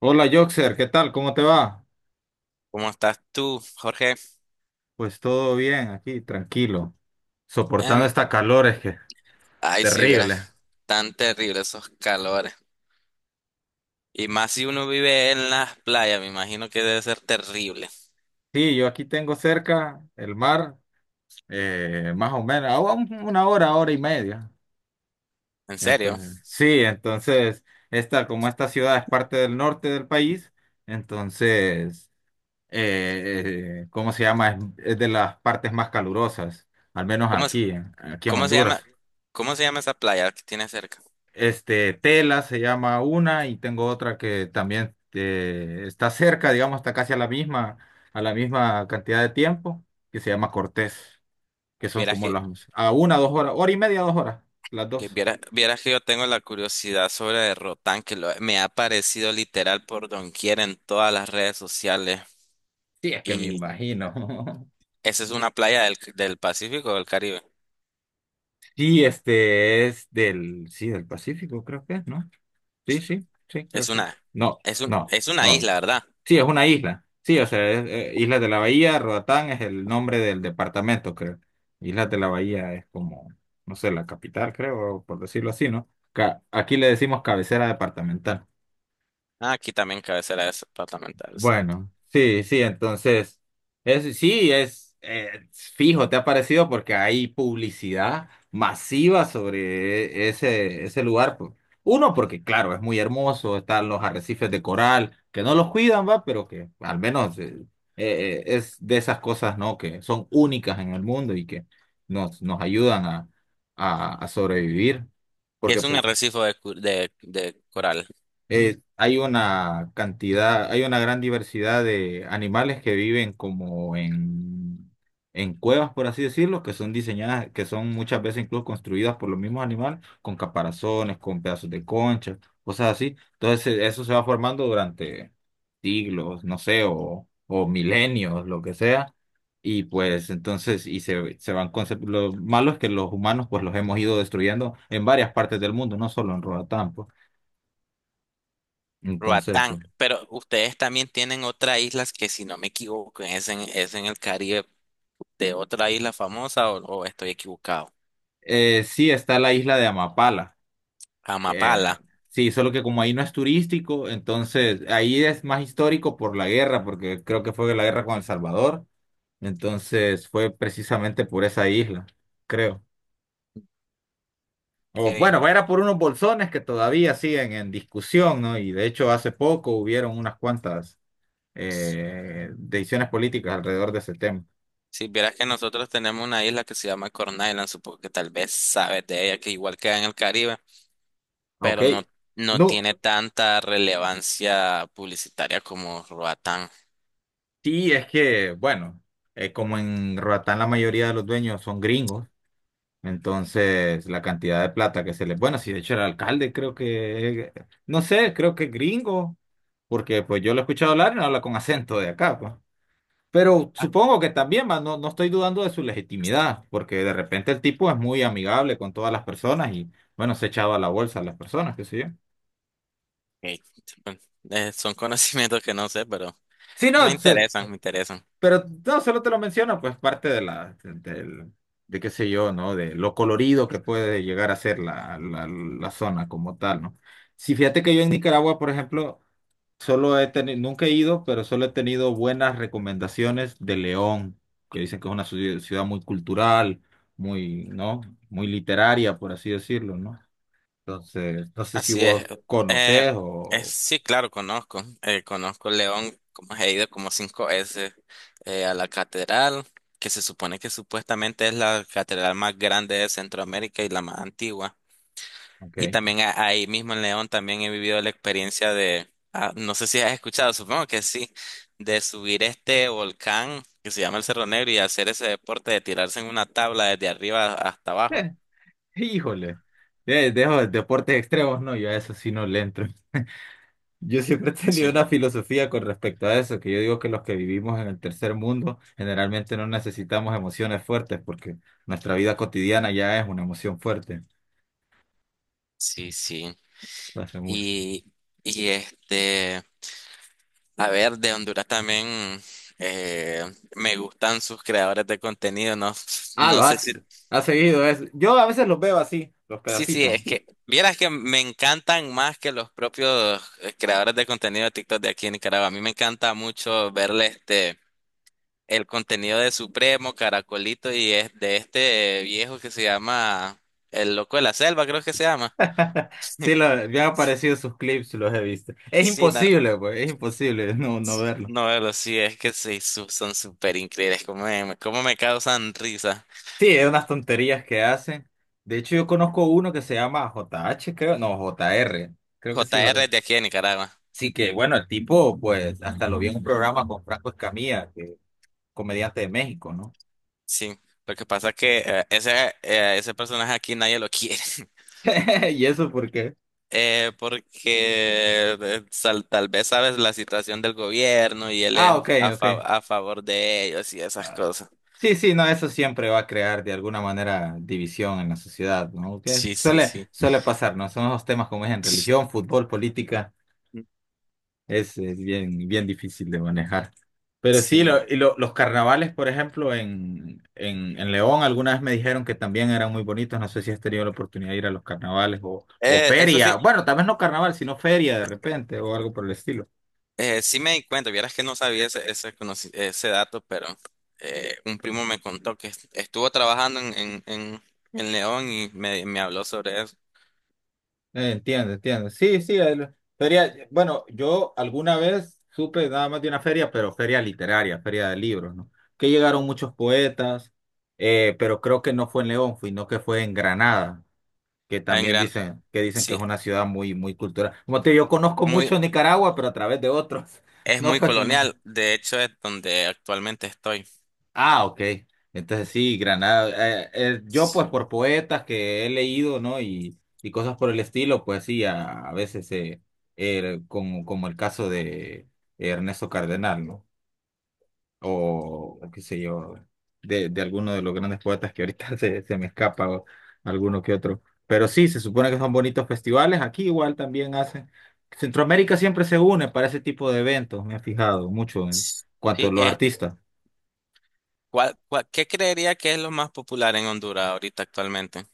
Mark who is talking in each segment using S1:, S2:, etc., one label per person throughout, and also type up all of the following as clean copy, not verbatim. S1: Hola Joxer, ¿qué tal? ¿Cómo te va?
S2: ¿Cómo estás tú, Jorge?
S1: Pues todo bien aquí, tranquilo, soportando
S2: Em,
S1: esta calor, es que
S2: Ay, si vieras
S1: terrible.
S2: tan terrible esos calores. Y más si uno vive en las playas, me imagino que debe ser terrible.
S1: Sí, yo aquí tengo cerca el mar, más o menos, a una hora, hora y media.
S2: ¿En serio?
S1: Entonces, sí, entonces, esta, como esta ciudad es parte del norte del país, entonces, ¿cómo se llama? Es de las partes más calurosas, al menos
S2: ¿Cómo, es-
S1: aquí, aquí en
S2: ¿Cómo se llama,
S1: Honduras.
S2: cómo se llama esa playa que tienes cerca?
S1: Este, Tela se llama una y tengo otra que también está cerca, digamos, está casi a la misma cantidad de tiempo, que se llama Cortés, que son
S2: Vieras
S1: como
S2: que,
S1: las, a una, dos horas, hora y media, dos horas, las
S2: que
S1: dos.
S2: vieras, vieras que yo tengo la curiosidad sobre Rotán, me ha aparecido literal por doquier en todas las redes sociales.
S1: Sí, es que me
S2: Y
S1: imagino.
S2: esa es una playa del Pacífico o del Caribe.
S1: Sí, este es del, sí, del Pacífico, creo que es, ¿no? Sí, sí, sí,
S2: Es
S1: creo que es.
S2: una,
S1: No, no,
S2: es una
S1: no.
S2: isla, ¿verdad?
S1: Sí, es una isla. Sí, o sea, es, Islas de la Bahía, Roatán es el nombre del departamento, creo. Islas de la Bahía es como, no sé, la capital, creo, por decirlo así, ¿no? Aquí le decimos cabecera departamental.
S2: Ah, aquí también cabecera departamental. O sea,
S1: Bueno, sí, sí, entonces, es, sí, es fijo, te ha parecido porque hay publicidad masiva sobre ese lugar, pues. Uno, porque claro, es muy hermoso, están los arrecifes de coral, que no los cuidan, va, pero que al menos es de esas cosas, ¿no? Que son únicas en el mundo y que nos ayudan a, a sobrevivir.
S2: que
S1: Porque
S2: es un arrecife de coral.
S1: hay una cantidad, hay una gran diversidad de animales que viven como en, cuevas, por así decirlo, que son diseñadas, que son muchas veces incluso construidas por los mismos animales, con caparazones, con pedazos de concha, cosas así. Entonces eso se va formando durante siglos, no sé, o milenios, lo que sea. Y pues entonces, y se van lo malo es que los humanos pues los hemos ido destruyendo en varias partes del mundo, no solo en Roatán, pues. Entonces,
S2: Roatán.
S1: sí.
S2: Pero ustedes también tienen otras islas que, si no me equivoco, es en el Caribe de otra isla famosa o estoy equivocado.
S1: Sí, está la isla de Amapala. Eh,
S2: Amapala.
S1: sí, solo que como ahí no es turístico, entonces ahí es más histórico por la guerra, porque creo que fue la guerra con El Salvador. Entonces fue precisamente por esa isla, creo. O
S2: Ok.
S1: bueno, era por unos bolsones que todavía siguen en discusión, ¿no? Y de hecho hace poco hubieron unas cuantas decisiones políticas alrededor de ese tema.
S2: Si vieras que nosotros tenemos una isla que se llama Corn Island, supongo que tal vez sabes de ella, que igual queda en el Caribe,
S1: Ok.
S2: pero no, no
S1: No,
S2: tiene tanta relevancia publicitaria como Roatán.
S1: sí, es que, bueno, como en Roatán la mayoría de los dueños son gringos. Entonces, la cantidad de plata que se le... Bueno, si de hecho el alcalde creo que... No sé, creo que es gringo, porque pues yo lo he escuchado hablar y no habla con acento de acá, pues. Pero supongo que también, va, no, no estoy dudando de su legitimidad, porque de repente el tipo es muy amigable con todas las personas y, bueno, se echaba a la bolsa a las personas, qué sé yo.
S2: Ok. Son conocimientos que no sé, pero.
S1: Sí,
S2: Me
S1: no,
S2: interesan, me interesan.
S1: pero no, solo te lo menciono, pues parte de la, del, de qué sé yo, ¿no? De lo colorido que puede llegar a ser la zona como tal, ¿no? Sí, fíjate que yo en Nicaragua, por ejemplo, solo he tenido, nunca he ido, pero solo he tenido buenas recomendaciones de León, que dicen que es una ciudad muy cultural, muy, ¿no? Muy literaria, por así decirlo, ¿no? Entonces, no sé si
S2: Así es.
S1: vos
S2: Eh,
S1: conocés
S2: es
S1: o...
S2: sí, claro, conozco. Conozco León, como he ido como cinco veces a la catedral, que se supone que supuestamente es la catedral más grande de Centroamérica y la más antigua.
S1: Ok.
S2: Y también ahí mismo en León también he vivido la experiencia de, ah, no sé si has escuchado, supongo que sí, de subir este volcán que se llama el Cerro Negro y hacer ese deporte de tirarse en una tabla desde arriba hasta abajo.
S1: Híjole, de, dejo deportes extremos, no, yo a eso sí no le entro. Yo siempre he tenido
S2: Sí.
S1: una filosofía con respecto a eso, que yo digo que los que vivimos en el tercer mundo generalmente no necesitamos emociones fuertes porque nuestra vida cotidiana ya es una emoción fuerte.
S2: Sí, sí.
S1: Lo hace mucho.
S2: Y, y este, a ver, de Honduras también eh, me gustan sus creadores de contenido, no,
S1: Ah, lo
S2: no sé
S1: has,
S2: si,
S1: has seguido eso. Yo a veces los veo así, los
S2: sí, sí,
S1: pedacitos.
S2: es que, vieras que me encantan más que los propios creadores de contenido de TikTok de aquí en Nicaragua. A mí me encanta mucho verle este, el contenido de Supremo, Caracolito y es de este viejo que se llama El Loco de la Selva, creo que se llama.
S1: Sí, me han aparecido sus clips, los he visto. Es
S2: Sí,
S1: imposible, pues, es imposible no, no verlo.
S2: no, pero sí, es que sí, son súper increíbles. Cómo me causan risa?
S1: Sí, es unas tonterías que hacen. De hecho, yo conozco uno que se llama JH, creo, no, J R, creo que sí,
S2: JR
S1: JR.
S2: es de aquí de Nicaragua.
S1: Sí, que bueno, el tipo, pues, hasta lo vi en un programa con Franco Escamilla, que comediante de México, ¿no?
S2: Sí. Lo que pasa es que ese personaje aquí nadie lo quiere.
S1: ¿Y eso por qué?
S2: Porque tal vez sabes la situación del gobierno y él
S1: Ah, ok,
S2: es
S1: ok.
S2: a favor de ellos y esas
S1: Ah,
S2: cosas.
S1: sí, sí, no, eso siempre va a crear de alguna manera división en la sociedad, ¿no? Que
S2: Sí, sí,
S1: Suele,
S2: sí.
S1: suele pasar, ¿no? Son los temas como es en religión, fútbol, política. Es bien, bien difícil de manejar. Pero sí,
S2: Sí.
S1: y los carnavales, por ejemplo, en, en León, alguna vez me dijeron que también eran muy bonitos. No sé si has tenido la oportunidad de ir a los carnavales o
S2: Eso
S1: feria.
S2: sí.
S1: Bueno, tal vez no carnaval, sino feria de repente o algo por el estilo.
S2: Sí me di cuenta, vieras que no sabía ese dato, pero un primo me contó que estuvo trabajando en León y me habló sobre eso.
S1: Entiendo, entiendo. Sí, sí, feria. Bueno, yo alguna vez supe nada más de una feria, pero feria literaria, feria de libros, ¿no? Que llegaron muchos poetas, pero creo que no fue en León, sino que fue en Granada. Que
S2: En
S1: también
S2: Gran,
S1: dicen que
S2: sí,
S1: es una ciudad muy muy cultural. Como te digo, yo conozco
S2: muy,
S1: mucho Nicaragua, pero a través de otros.
S2: es
S1: No,
S2: muy
S1: porque no.
S2: colonial, de hecho es donde actualmente estoy.
S1: Ah, ok. Entonces sí, Granada. Yo
S2: Sí,
S1: pues por poetas que he leído, ¿no? Y cosas por el estilo, pues sí, a, veces como el caso de Ernesto Cardenal, ¿no? O qué sé yo, de, alguno de los grandes poetas que ahorita se me escapa, o alguno que otro. Pero sí, se supone que son bonitos festivales, aquí igual también hacen. Centroamérica siempre se une para ese tipo de eventos, me he fijado mucho en cuanto a
S2: sí,
S1: los
S2: es,
S1: artistas.
S2: ¿qué creería que es lo más popular en Honduras ahorita actualmente?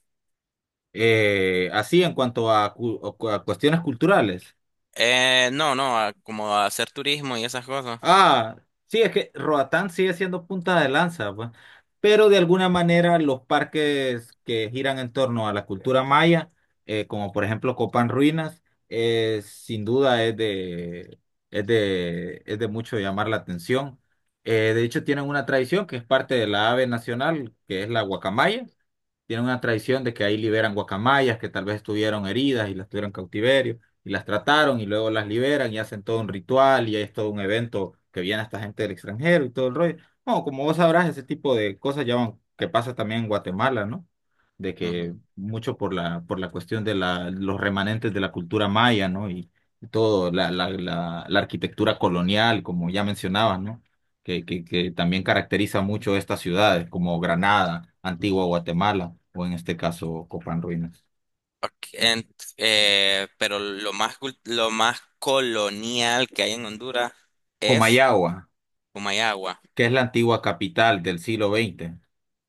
S1: Así en cuanto a, a cuestiones culturales.
S2: No, no, como hacer turismo y esas cosas.
S1: Ah, sí, es que Roatán sigue siendo punta de lanza, pues. Pero de alguna manera los parques que giran en torno a la cultura maya, como por ejemplo Copán Ruinas, sin duda es de, es de mucho llamar la atención. De hecho, tienen una tradición que es parte de la ave nacional, que es la guacamaya, tienen una tradición de que ahí liberan guacamayas que tal vez estuvieron heridas y las tuvieron en cautiverio y las trataron y luego las liberan y hacen todo un ritual y es todo un evento que viene esta gente del extranjero y todo el rollo. No, como vos sabrás, ese tipo de cosas ya que pasa también en Guatemala, ¿no? De que mucho por la cuestión de la, los remanentes de la cultura maya, ¿no? Y, todo, la, la arquitectura colonial, como ya mencionabas, ¿no? Que, que también caracteriza mucho estas ciudades como Granada, Antigua Guatemala o en este caso Copán Ruinas.
S2: Ok, en- pero lo más, lo más colonial que hay en Honduras es
S1: Comayagua,
S2: Humayagua.
S1: que es la antigua capital del siglo 20.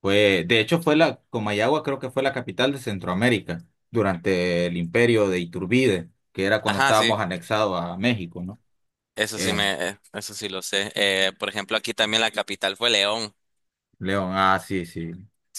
S1: Fue, de hecho, fue la, Comayagua creo que fue la capital de Centroamérica durante el imperio de Iturbide, que era cuando
S2: Ajá, sí,
S1: estábamos anexados a México, ¿no?
S2: eso sí
S1: Eh,
S2: me, eso sí lo sé. Por ejemplo, aquí también la capital fue León.
S1: León, ah, sí, sí.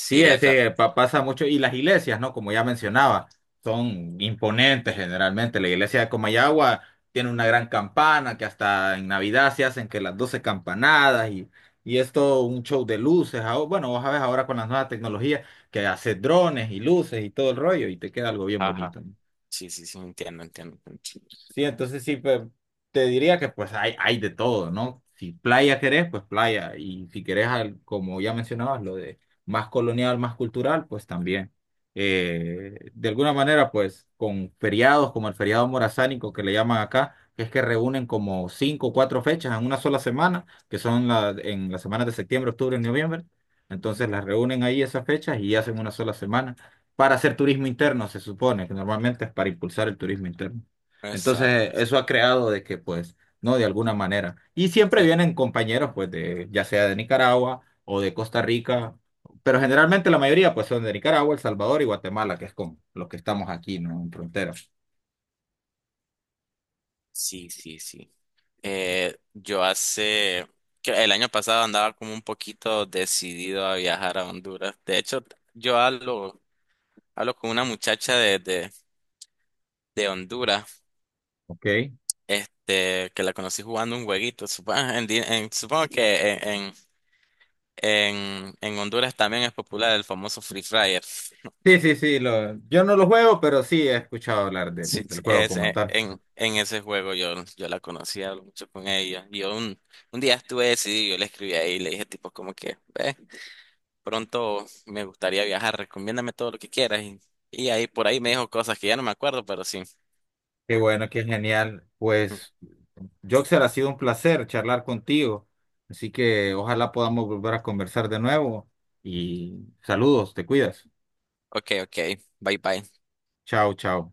S1: Sí,
S2: Sí, la cap,
S1: ese pasa mucho. Y las iglesias, ¿no? Como ya mencionaba, son imponentes generalmente. La iglesia de Comayagua tiene una gran campana que hasta en Navidad se hacen que las 12 campanadas, y es todo un show de luces. Ah, bueno, vos sabés ahora con las nuevas tecnologías que hace drones y luces y todo el rollo y te queda algo bien
S2: ajá.
S1: bonito, ¿no?
S2: Sí, sí, sí, entiendo, entiendo. Entiendo.
S1: Sí, entonces sí, pues te diría que pues hay de todo, ¿no? Si playa querés, pues playa. Y si querés, como ya mencionabas, lo de más colonial, más cultural, pues también. De alguna manera, pues con feriados como el feriado morazánico que le llaman acá, que es que reúnen como cinco o cuatro fechas en una sola semana, que son la, en las semanas de septiembre, octubre y noviembre. Entonces las reúnen ahí esas fechas y hacen una sola semana para hacer turismo interno, se supone, que normalmente es para impulsar el turismo interno. Entonces,
S2: Exacto.
S1: eso ha creado de que, pues, no, de alguna manera. Y siempre
S2: Sí,
S1: vienen compañeros, pues, de, ya sea de Nicaragua o de Costa Rica, pero generalmente la mayoría, pues, son de Nicaragua, El Salvador y Guatemala, que es con los que estamos aquí, ¿no? En fronteras.
S2: sí, sí, sí. Yo hace, que el año pasado andaba como un poquito decidido a viajar a Honduras. De hecho, yo hablo, hablo con una muchacha de de Honduras.
S1: Ok.
S2: Este, que la conocí jugando un jueguito. Supongo, supongo que en Honduras también es popular el famoso Free Fire.
S1: Sí, sí, sí, lo, yo no lo juego, pero sí he escuchado hablar del,
S2: Sí,
S1: del
S2: sí,
S1: juego
S2: es,
S1: como tal.
S2: en ese juego yo, yo la conocí, hablo mucho con ella. Y yo un día estuve decidido, yo le escribí ahí, le dije tipo como que, ve, pronto me gustaría viajar, recomiéndame todo lo que quieras. Y ahí por ahí me dijo cosas que ya no me acuerdo, pero sí.
S1: Qué bueno, qué genial. Pues, Joxer, ha sido un placer charlar contigo. Así que ojalá podamos volver a conversar de nuevo. Y saludos, te cuidas.
S2: Ok, ok, bye bye.
S1: Chao, chao.